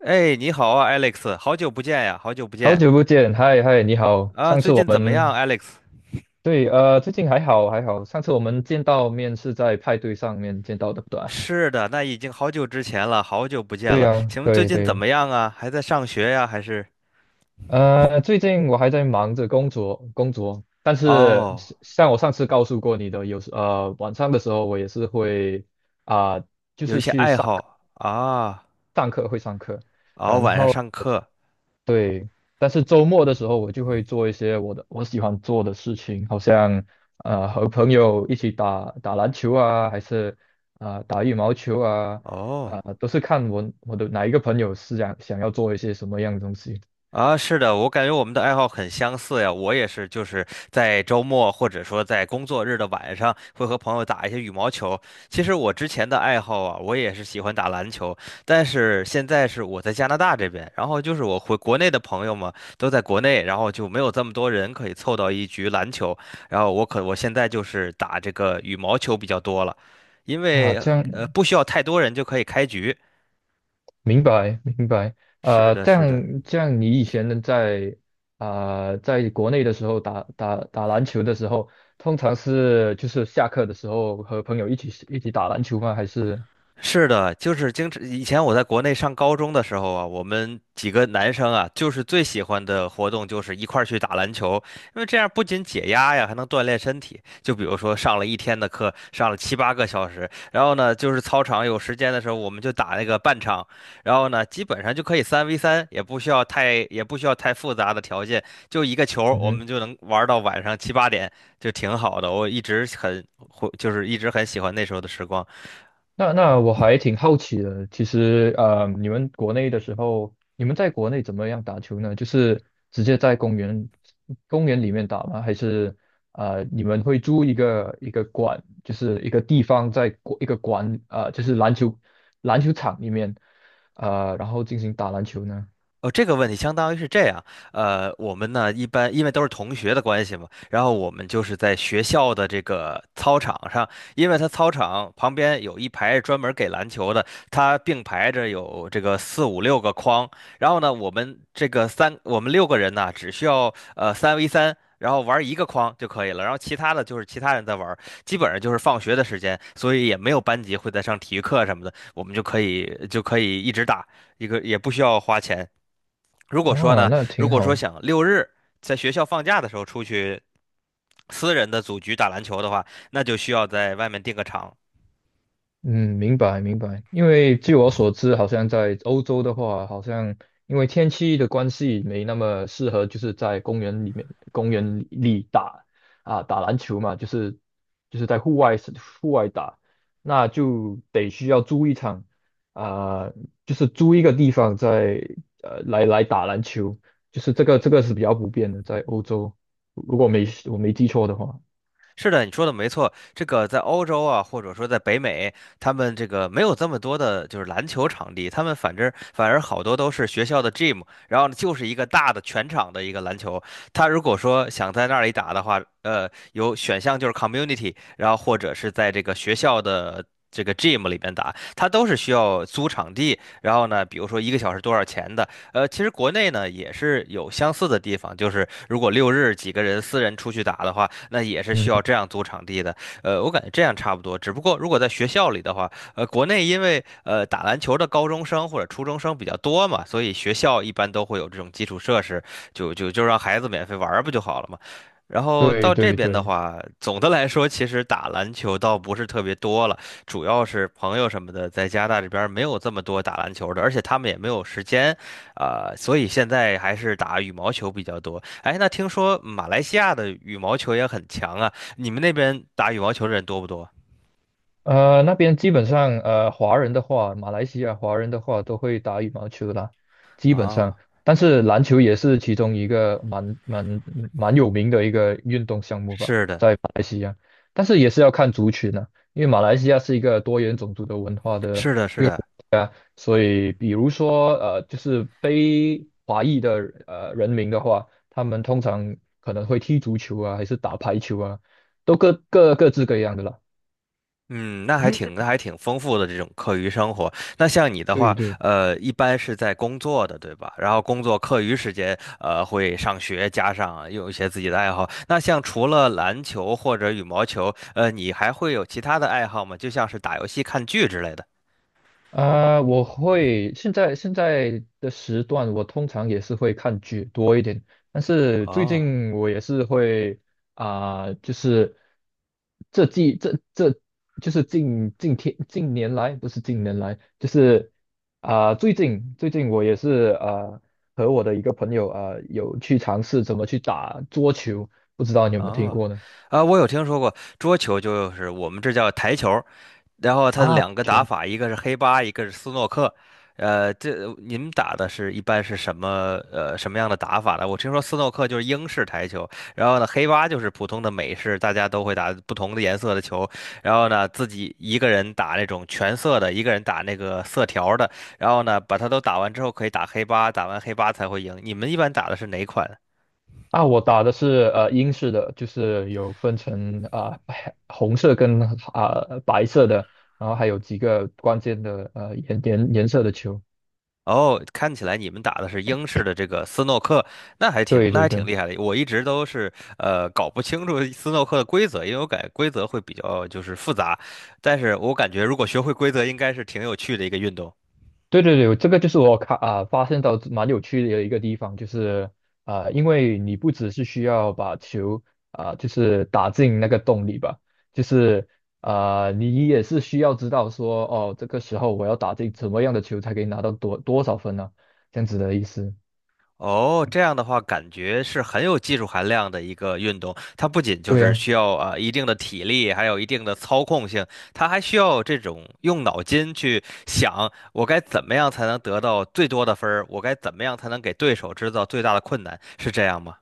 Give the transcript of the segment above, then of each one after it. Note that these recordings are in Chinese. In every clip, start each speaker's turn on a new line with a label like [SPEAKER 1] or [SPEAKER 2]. [SPEAKER 1] 哎，你好啊，Alex，好久不见呀，好久不
[SPEAKER 2] 好
[SPEAKER 1] 见。
[SPEAKER 2] 久不见，嗨嗨，你好。
[SPEAKER 1] 啊，
[SPEAKER 2] 上
[SPEAKER 1] 最
[SPEAKER 2] 次我
[SPEAKER 1] 近怎么
[SPEAKER 2] 们
[SPEAKER 1] 样，Alex？
[SPEAKER 2] 对，最近还好还好。上次我们见到面是在派对上面见到的，对吧？
[SPEAKER 1] 是的，那已经好久之前了，好久不见
[SPEAKER 2] 对
[SPEAKER 1] 了。
[SPEAKER 2] 呀、
[SPEAKER 1] 请问最
[SPEAKER 2] 对
[SPEAKER 1] 近怎
[SPEAKER 2] 对。
[SPEAKER 1] 么样啊？还在上学呀，还是？
[SPEAKER 2] 最近我还在忙着工作工作，但是
[SPEAKER 1] 哦，
[SPEAKER 2] 是像我上次告诉过你的，有时晚上的时候我也是会啊、
[SPEAKER 1] 有一些爱好啊。
[SPEAKER 2] 会上课，
[SPEAKER 1] 哦，晚上上课。
[SPEAKER 2] 对，但是周末的时候我就会做一些我喜欢做的事情，好像和朋友一起打打篮球啊，还是打羽毛球啊，
[SPEAKER 1] 哦。
[SPEAKER 2] 都是看我的哪一个朋友是想要做一些什么样的东西。
[SPEAKER 1] 啊，是的，我感觉我们的爱好很相似呀。我也是，就是在周末或者说在工作日的晚上，会和朋友打一些羽毛球。其实我之前的爱好啊，我也是喜欢打篮球，但是现在是我在加拿大这边，然后就是我回国内的朋友嘛，都在国内，然后就没有这么多人可以凑到一局篮球。然后我现在就是打这个羽毛球比较多了，因
[SPEAKER 2] 啊，
[SPEAKER 1] 为
[SPEAKER 2] 这样。
[SPEAKER 1] 不需要太多人就可以开局。
[SPEAKER 2] 明白明白。
[SPEAKER 1] 是的，
[SPEAKER 2] 这
[SPEAKER 1] 是的。
[SPEAKER 2] 样这样你以前在啊、在国内的时候打篮球的时候，通常就是下课的时候和朋友一起打篮球吗？还是。
[SPEAKER 1] 是的，就是经常以前我在国内上高中的时候啊，我们几个男生啊，就是最喜欢的活动就是一块儿去打篮球，因为这样不仅解压呀，还能锻炼身体。就比如说上了一天的课，上了七八个小时，然后呢，就是操场有时间的时候，我们就打那个半场，然后呢，基本上就可以三 v 三，也不需要太复杂的条件，就一个球儿
[SPEAKER 2] 嗯
[SPEAKER 1] 我
[SPEAKER 2] 哼。
[SPEAKER 1] 们就能玩到晚上七八点，就挺好的。我一直很，就是一直很喜欢那时候的时光。
[SPEAKER 2] 那我还挺好奇的。其实你们国内的时候，你们在国内怎么样打球呢？就是直接在公园里面打吗？还是你们会租一个馆，就是一个地方一个馆就是篮球场里面然后进行打篮球呢？
[SPEAKER 1] 哦，这个问题相当于是这样，呃，我们呢一般因为都是同学的关系嘛，然后我们就是在学校的这个操场上，因为他操场旁边有一排专门给篮球的，他并排着有这个四五六个框，然后呢，我们六个人呢只需要三 v 三。然后玩一个框就可以了，然后其他的就是其他人在玩，基本上就是放学的时间，所以也没有班级会在上体育课什么的，我们就可以一直打，一个也不需要花钱。如果说
[SPEAKER 2] 啊，
[SPEAKER 1] 呢，
[SPEAKER 2] 那
[SPEAKER 1] 如
[SPEAKER 2] 挺
[SPEAKER 1] 果说
[SPEAKER 2] 好。
[SPEAKER 1] 想六日在学校放假的时候出去私人的组局打篮球的话，那就需要在外面订个场。
[SPEAKER 2] 嗯，明白明白。因为据我所知，好像在欧洲的话，因为天气的关系，没那么适合，就是在公园里打打篮球嘛，就是在户外打，那就得需要租一场啊、就是租一个地方在来打篮球，就是这个是比较普遍的，在欧洲，如果没我没记错的话。
[SPEAKER 1] 是的，你说的没错。这个在欧洲啊，或者说在北美，他们这个没有这么多的，就是篮球场地，他们反而好多都是学校的 gym，然后呢就是一个大的全场的一个篮球。他如果说想在那里打的话，有选项就是 community，然后或者是在这个学校的。这个 gym 里边打，他都是需要租场地，然后呢，比如说一个小时多少钱的。其实国内呢也是有相似的地方，就是如果六日几个人私人出去打的话，那也是
[SPEAKER 2] 嗯，
[SPEAKER 1] 需要这样租场地的。我感觉这样差不多，只不过如果在学校里的话，国内因为打篮球的高中生或者初中生比较多嘛，所以学校一般都会有这种基础设施，就让孩子免费玩儿不就好了嘛。然后
[SPEAKER 2] 对
[SPEAKER 1] 到这
[SPEAKER 2] 对
[SPEAKER 1] 边的
[SPEAKER 2] 对。
[SPEAKER 1] 话，总的来说，其实打篮球倒不是特别多了，主要是朋友什么的，在加拿大这边儿没有这么多打篮球的，而且他们也没有时间，所以现在还是打羽毛球比较多。哎，那听说马来西亚的羽毛球也很强啊，你们那边打羽毛球的人多不多？
[SPEAKER 2] 那边基本上，华人的话，马来西亚华人的话都会打羽毛球啦，基本
[SPEAKER 1] 哦，
[SPEAKER 2] 上。但是篮球也是其中一个蛮有名的一个运动项目吧。
[SPEAKER 1] 是的，
[SPEAKER 2] 但是也是要看族群啊，因为马来西亚是一个多元种族的文化的，
[SPEAKER 1] 是的，是的。
[SPEAKER 2] 所以比如说，就是非华裔的人民的话，他们通常可能会踢足球啊，还是打排球啊，都各自各样的啦。
[SPEAKER 1] 嗯，那还挺丰富的这种课余生活。那像你的
[SPEAKER 2] 对
[SPEAKER 1] 话，
[SPEAKER 2] 对。
[SPEAKER 1] 一般是在工作的，对吧？然后工作课余时间，会上学，加上有一些自己的爱好。那像除了篮球或者羽毛球，你还会有其他的爱好吗？就像是打游戏、看剧之类的。
[SPEAKER 2] 现在的时段，我通常也是会看剧多一点，但是最
[SPEAKER 1] 哦。
[SPEAKER 2] 近我也是会就是这季这这就是近年来不是近年来，就是最近我也是和我的一个朋友有去尝试怎么去打桌球，不知道你有没有听
[SPEAKER 1] 哦，
[SPEAKER 2] 过呢？
[SPEAKER 1] 啊，我有听说过桌球，就是我们这叫台球，然后它的
[SPEAKER 2] 啊，
[SPEAKER 1] 两个打法，一个是黑八，一个是斯诺克。这您打的是一般是什么呃什么样的打法呢？我听说斯诺克就是英式台球，然后呢黑八就是普通的美式，大家都会打不同的颜色的球，然后呢自己一个人打那种全色的，一个人打那个色条儿的，然后呢把它都打完之后可以打黑八，打完黑八才会赢。你们一般打的是哪款？
[SPEAKER 2] 啊，我打的是英式的，就是有分成白红色跟白色的，然后还有几个关键的颜颜颜色的球。
[SPEAKER 1] 哦，看起来你们打的是英式的这个斯诺克，
[SPEAKER 2] 对
[SPEAKER 1] 那
[SPEAKER 2] 对
[SPEAKER 1] 还挺
[SPEAKER 2] 对
[SPEAKER 1] 厉害的。我一直都是搞不清楚斯诺克的规则，因为我感觉规则会比较就是复杂，但是我感觉如果学会规则，应该是挺有趣的一个运动。
[SPEAKER 2] 对对对，这个就是我看发现到蛮有趣的一个地方，就是因为你不只是需要把球就是打进那个洞里吧，就是你也是需要知道说哦这个时候我要打进什么样的球才可以拿到多少分呢，这样子的意思。
[SPEAKER 1] 哦，这样的话，感觉是很有技术含量的一个运动。它不仅就
[SPEAKER 2] 对
[SPEAKER 1] 是
[SPEAKER 2] 呀，
[SPEAKER 1] 需要一定的体力，还有一定的操控性，它还需要这种用脑筋去想，我该怎么样才能得到最多的分儿，我该怎么样才能给对手制造最大的困难，是这样吗？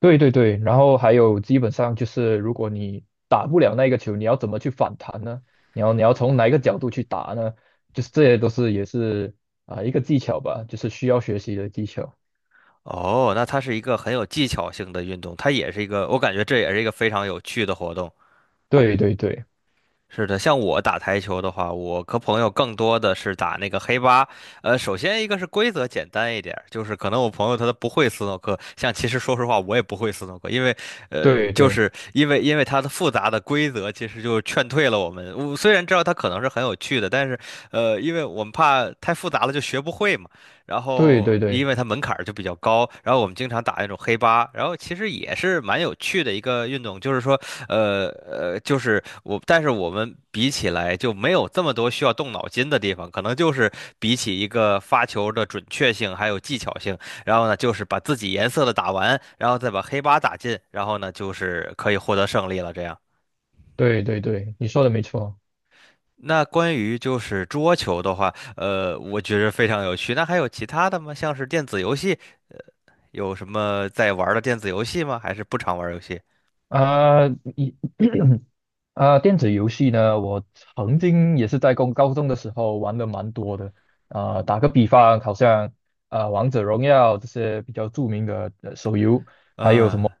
[SPEAKER 2] 对对对，然后还有基本上就是，如果你打不了那个球，你要怎么去反弹呢？你要从哪一个角度去打呢？就是这些都是也是一个技巧吧，就是需要学习的技巧。
[SPEAKER 1] 哦，那它是一个很有技巧性的运动，它也是一个，我感觉这也是一个非常有趣的活动。
[SPEAKER 2] 对对对
[SPEAKER 1] 是的，像我打台球的话，我和朋友更多的是打那个黑八。首先一个是规则简单一点儿，就是可能我朋友他都不会斯诺克，像其实说实话我也不会斯诺克，因为
[SPEAKER 2] 对对对
[SPEAKER 1] 因为它的复杂的规则，其实就劝退了我们。我虽然知道它可能是很有趣的，但是因为我们怕太复杂了就学不会嘛。然
[SPEAKER 2] 对
[SPEAKER 1] 后
[SPEAKER 2] 对
[SPEAKER 1] 因为它门槛儿就比较高，然后我们经常打那种黑八，然后其实也是蛮有趣的一个运动，就是说，呃呃，就是我，但是我们比起来就没有这么多需要动脑筋的地方，可能就是比起一个发球的准确性还有技巧性，然后呢，就是把自己颜色的打完，然后再把黑八打进，然后呢，就是可以获得胜利了，这样。
[SPEAKER 2] 对对对，你说的没错。
[SPEAKER 1] 那关于就是桌球的话，我觉得非常有趣。那还有其他的吗？像是电子游戏，有什么在玩的电子游戏吗？还是不常玩游戏？
[SPEAKER 2] 啊，一 电子游戏呢，我曾经也是在高中的时候玩的蛮多的。打个比方，好像。啊，王者荣耀这些比较著名的手游，
[SPEAKER 1] 嗯，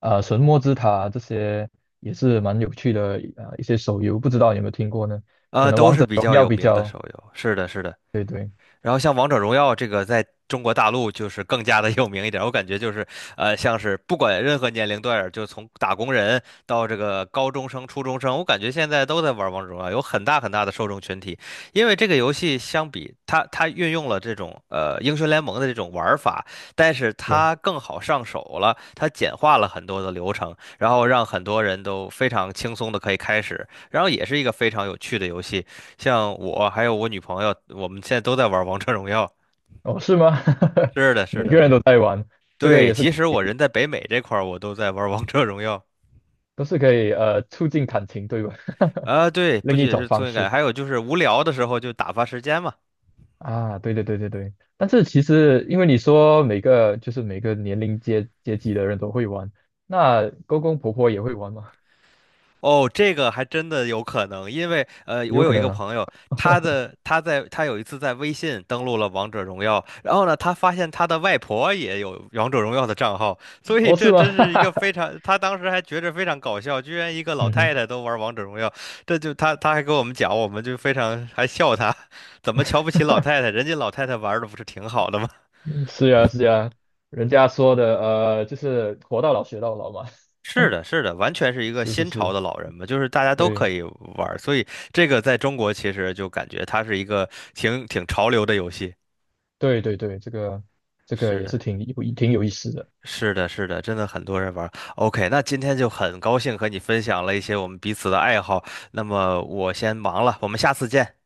[SPEAKER 2] 啊，神魔之塔这些也是蛮有趣的一些手游，不知道有没有听过呢？
[SPEAKER 1] 都是比较有名的手游。是的，是的，
[SPEAKER 2] 对对
[SPEAKER 1] 然后像王者荣耀这个，在中国大陆就是更加的有名一点我感觉就是，像是不管任何年龄段儿，就从打工人到这个高中生、初中生，我感觉现在都在玩王者荣耀，有很大很大的受众群体。因为这个游戏相比它，它运用了这种英雄联盟的这种玩法，但是
[SPEAKER 2] 对。
[SPEAKER 1] 它更好上手了，它简化了很多的流程，然后让很多人都非常轻松的可以开始，然后也是一个非常有趣的游戏。像我还有我女朋友，我们现在都在玩王者荣耀。
[SPEAKER 2] 哦，是吗？
[SPEAKER 1] 是的，是
[SPEAKER 2] 每
[SPEAKER 1] 的，
[SPEAKER 2] 个人
[SPEAKER 1] 是的。
[SPEAKER 2] 都在玩，这个
[SPEAKER 1] 对，
[SPEAKER 2] 也是
[SPEAKER 1] 即使我人在北美这块儿，我都在玩王者荣耀。
[SPEAKER 2] 都是可以促进感情，对吧？
[SPEAKER 1] 啊，对，不
[SPEAKER 2] 另一
[SPEAKER 1] 仅
[SPEAKER 2] 种
[SPEAKER 1] 是挫
[SPEAKER 2] 方
[SPEAKER 1] 败感，
[SPEAKER 2] 式
[SPEAKER 1] 还有就是无聊的时候就打发时间嘛。
[SPEAKER 2] 啊，对对对对对。但是其实因为你说每个年龄阶级的人都会玩，那公公婆婆也会玩吗？
[SPEAKER 1] 哦，这个还真的有可能，因为我
[SPEAKER 2] 有
[SPEAKER 1] 有
[SPEAKER 2] 可
[SPEAKER 1] 一
[SPEAKER 2] 能
[SPEAKER 1] 个
[SPEAKER 2] 啊。
[SPEAKER 1] 朋友，他有一次在微信登录了王者荣耀，然后呢，他发现他的外婆也有王者荣耀的账号，所 以
[SPEAKER 2] 哦，是
[SPEAKER 1] 这
[SPEAKER 2] 吗？
[SPEAKER 1] 真 是一个非常，他当时还觉着非常搞笑，居然一个老
[SPEAKER 2] 嗯哼。
[SPEAKER 1] 太太都玩王者荣耀。这就他他还跟我们讲，我们就非常还笑他，怎么瞧不起老太太？人家老太太玩的不是挺好的吗？
[SPEAKER 2] 是呀，是呀，人家说的，就是活到老学到老嘛。
[SPEAKER 1] 是的，是的，完全是一 个
[SPEAKER 2] 是是
[SPEAKER 1] 新潮
[SPEAKER 2] 是，
[SPEAKER 1] 的老人嘛，就是大家都可
[SPEAKER 2] 对
[SPEAKER 1] 以玩儿，所以这个在中国其实就感觉它是一个挺潮流的游戏。
[SPEAKER 2] 对对对，这个
[SPEAKER 1] 是
[SPEAKER 2] 也是
[SPEAKER 1] 的，
[SPEAKER 2] 挺有意思的。
[SPEAKER 1] 是的，是的，真的很多人玩儿。OK，那今天就很高兴和你分享了一些我们彼此的爱好。那么我先忙了，我们下次见。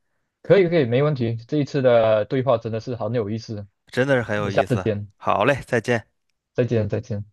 [SPEAKER 2] 可以可以，没问题。这一次的对话真的是很有意思。
[SPEAKER 1] 真的是很
[SPEAKER 2] 我们
[SPEAKER 1] 有
[SPEAKER 2] 下
[SPEAKER 1] 意
[SPEAKER 2] 次
[SPEAKER 1] 思。
[SPEAKER 2] 见，
[SPEAKER 1] 好嘞，再见。
[SPEAKER 2] 再见再见。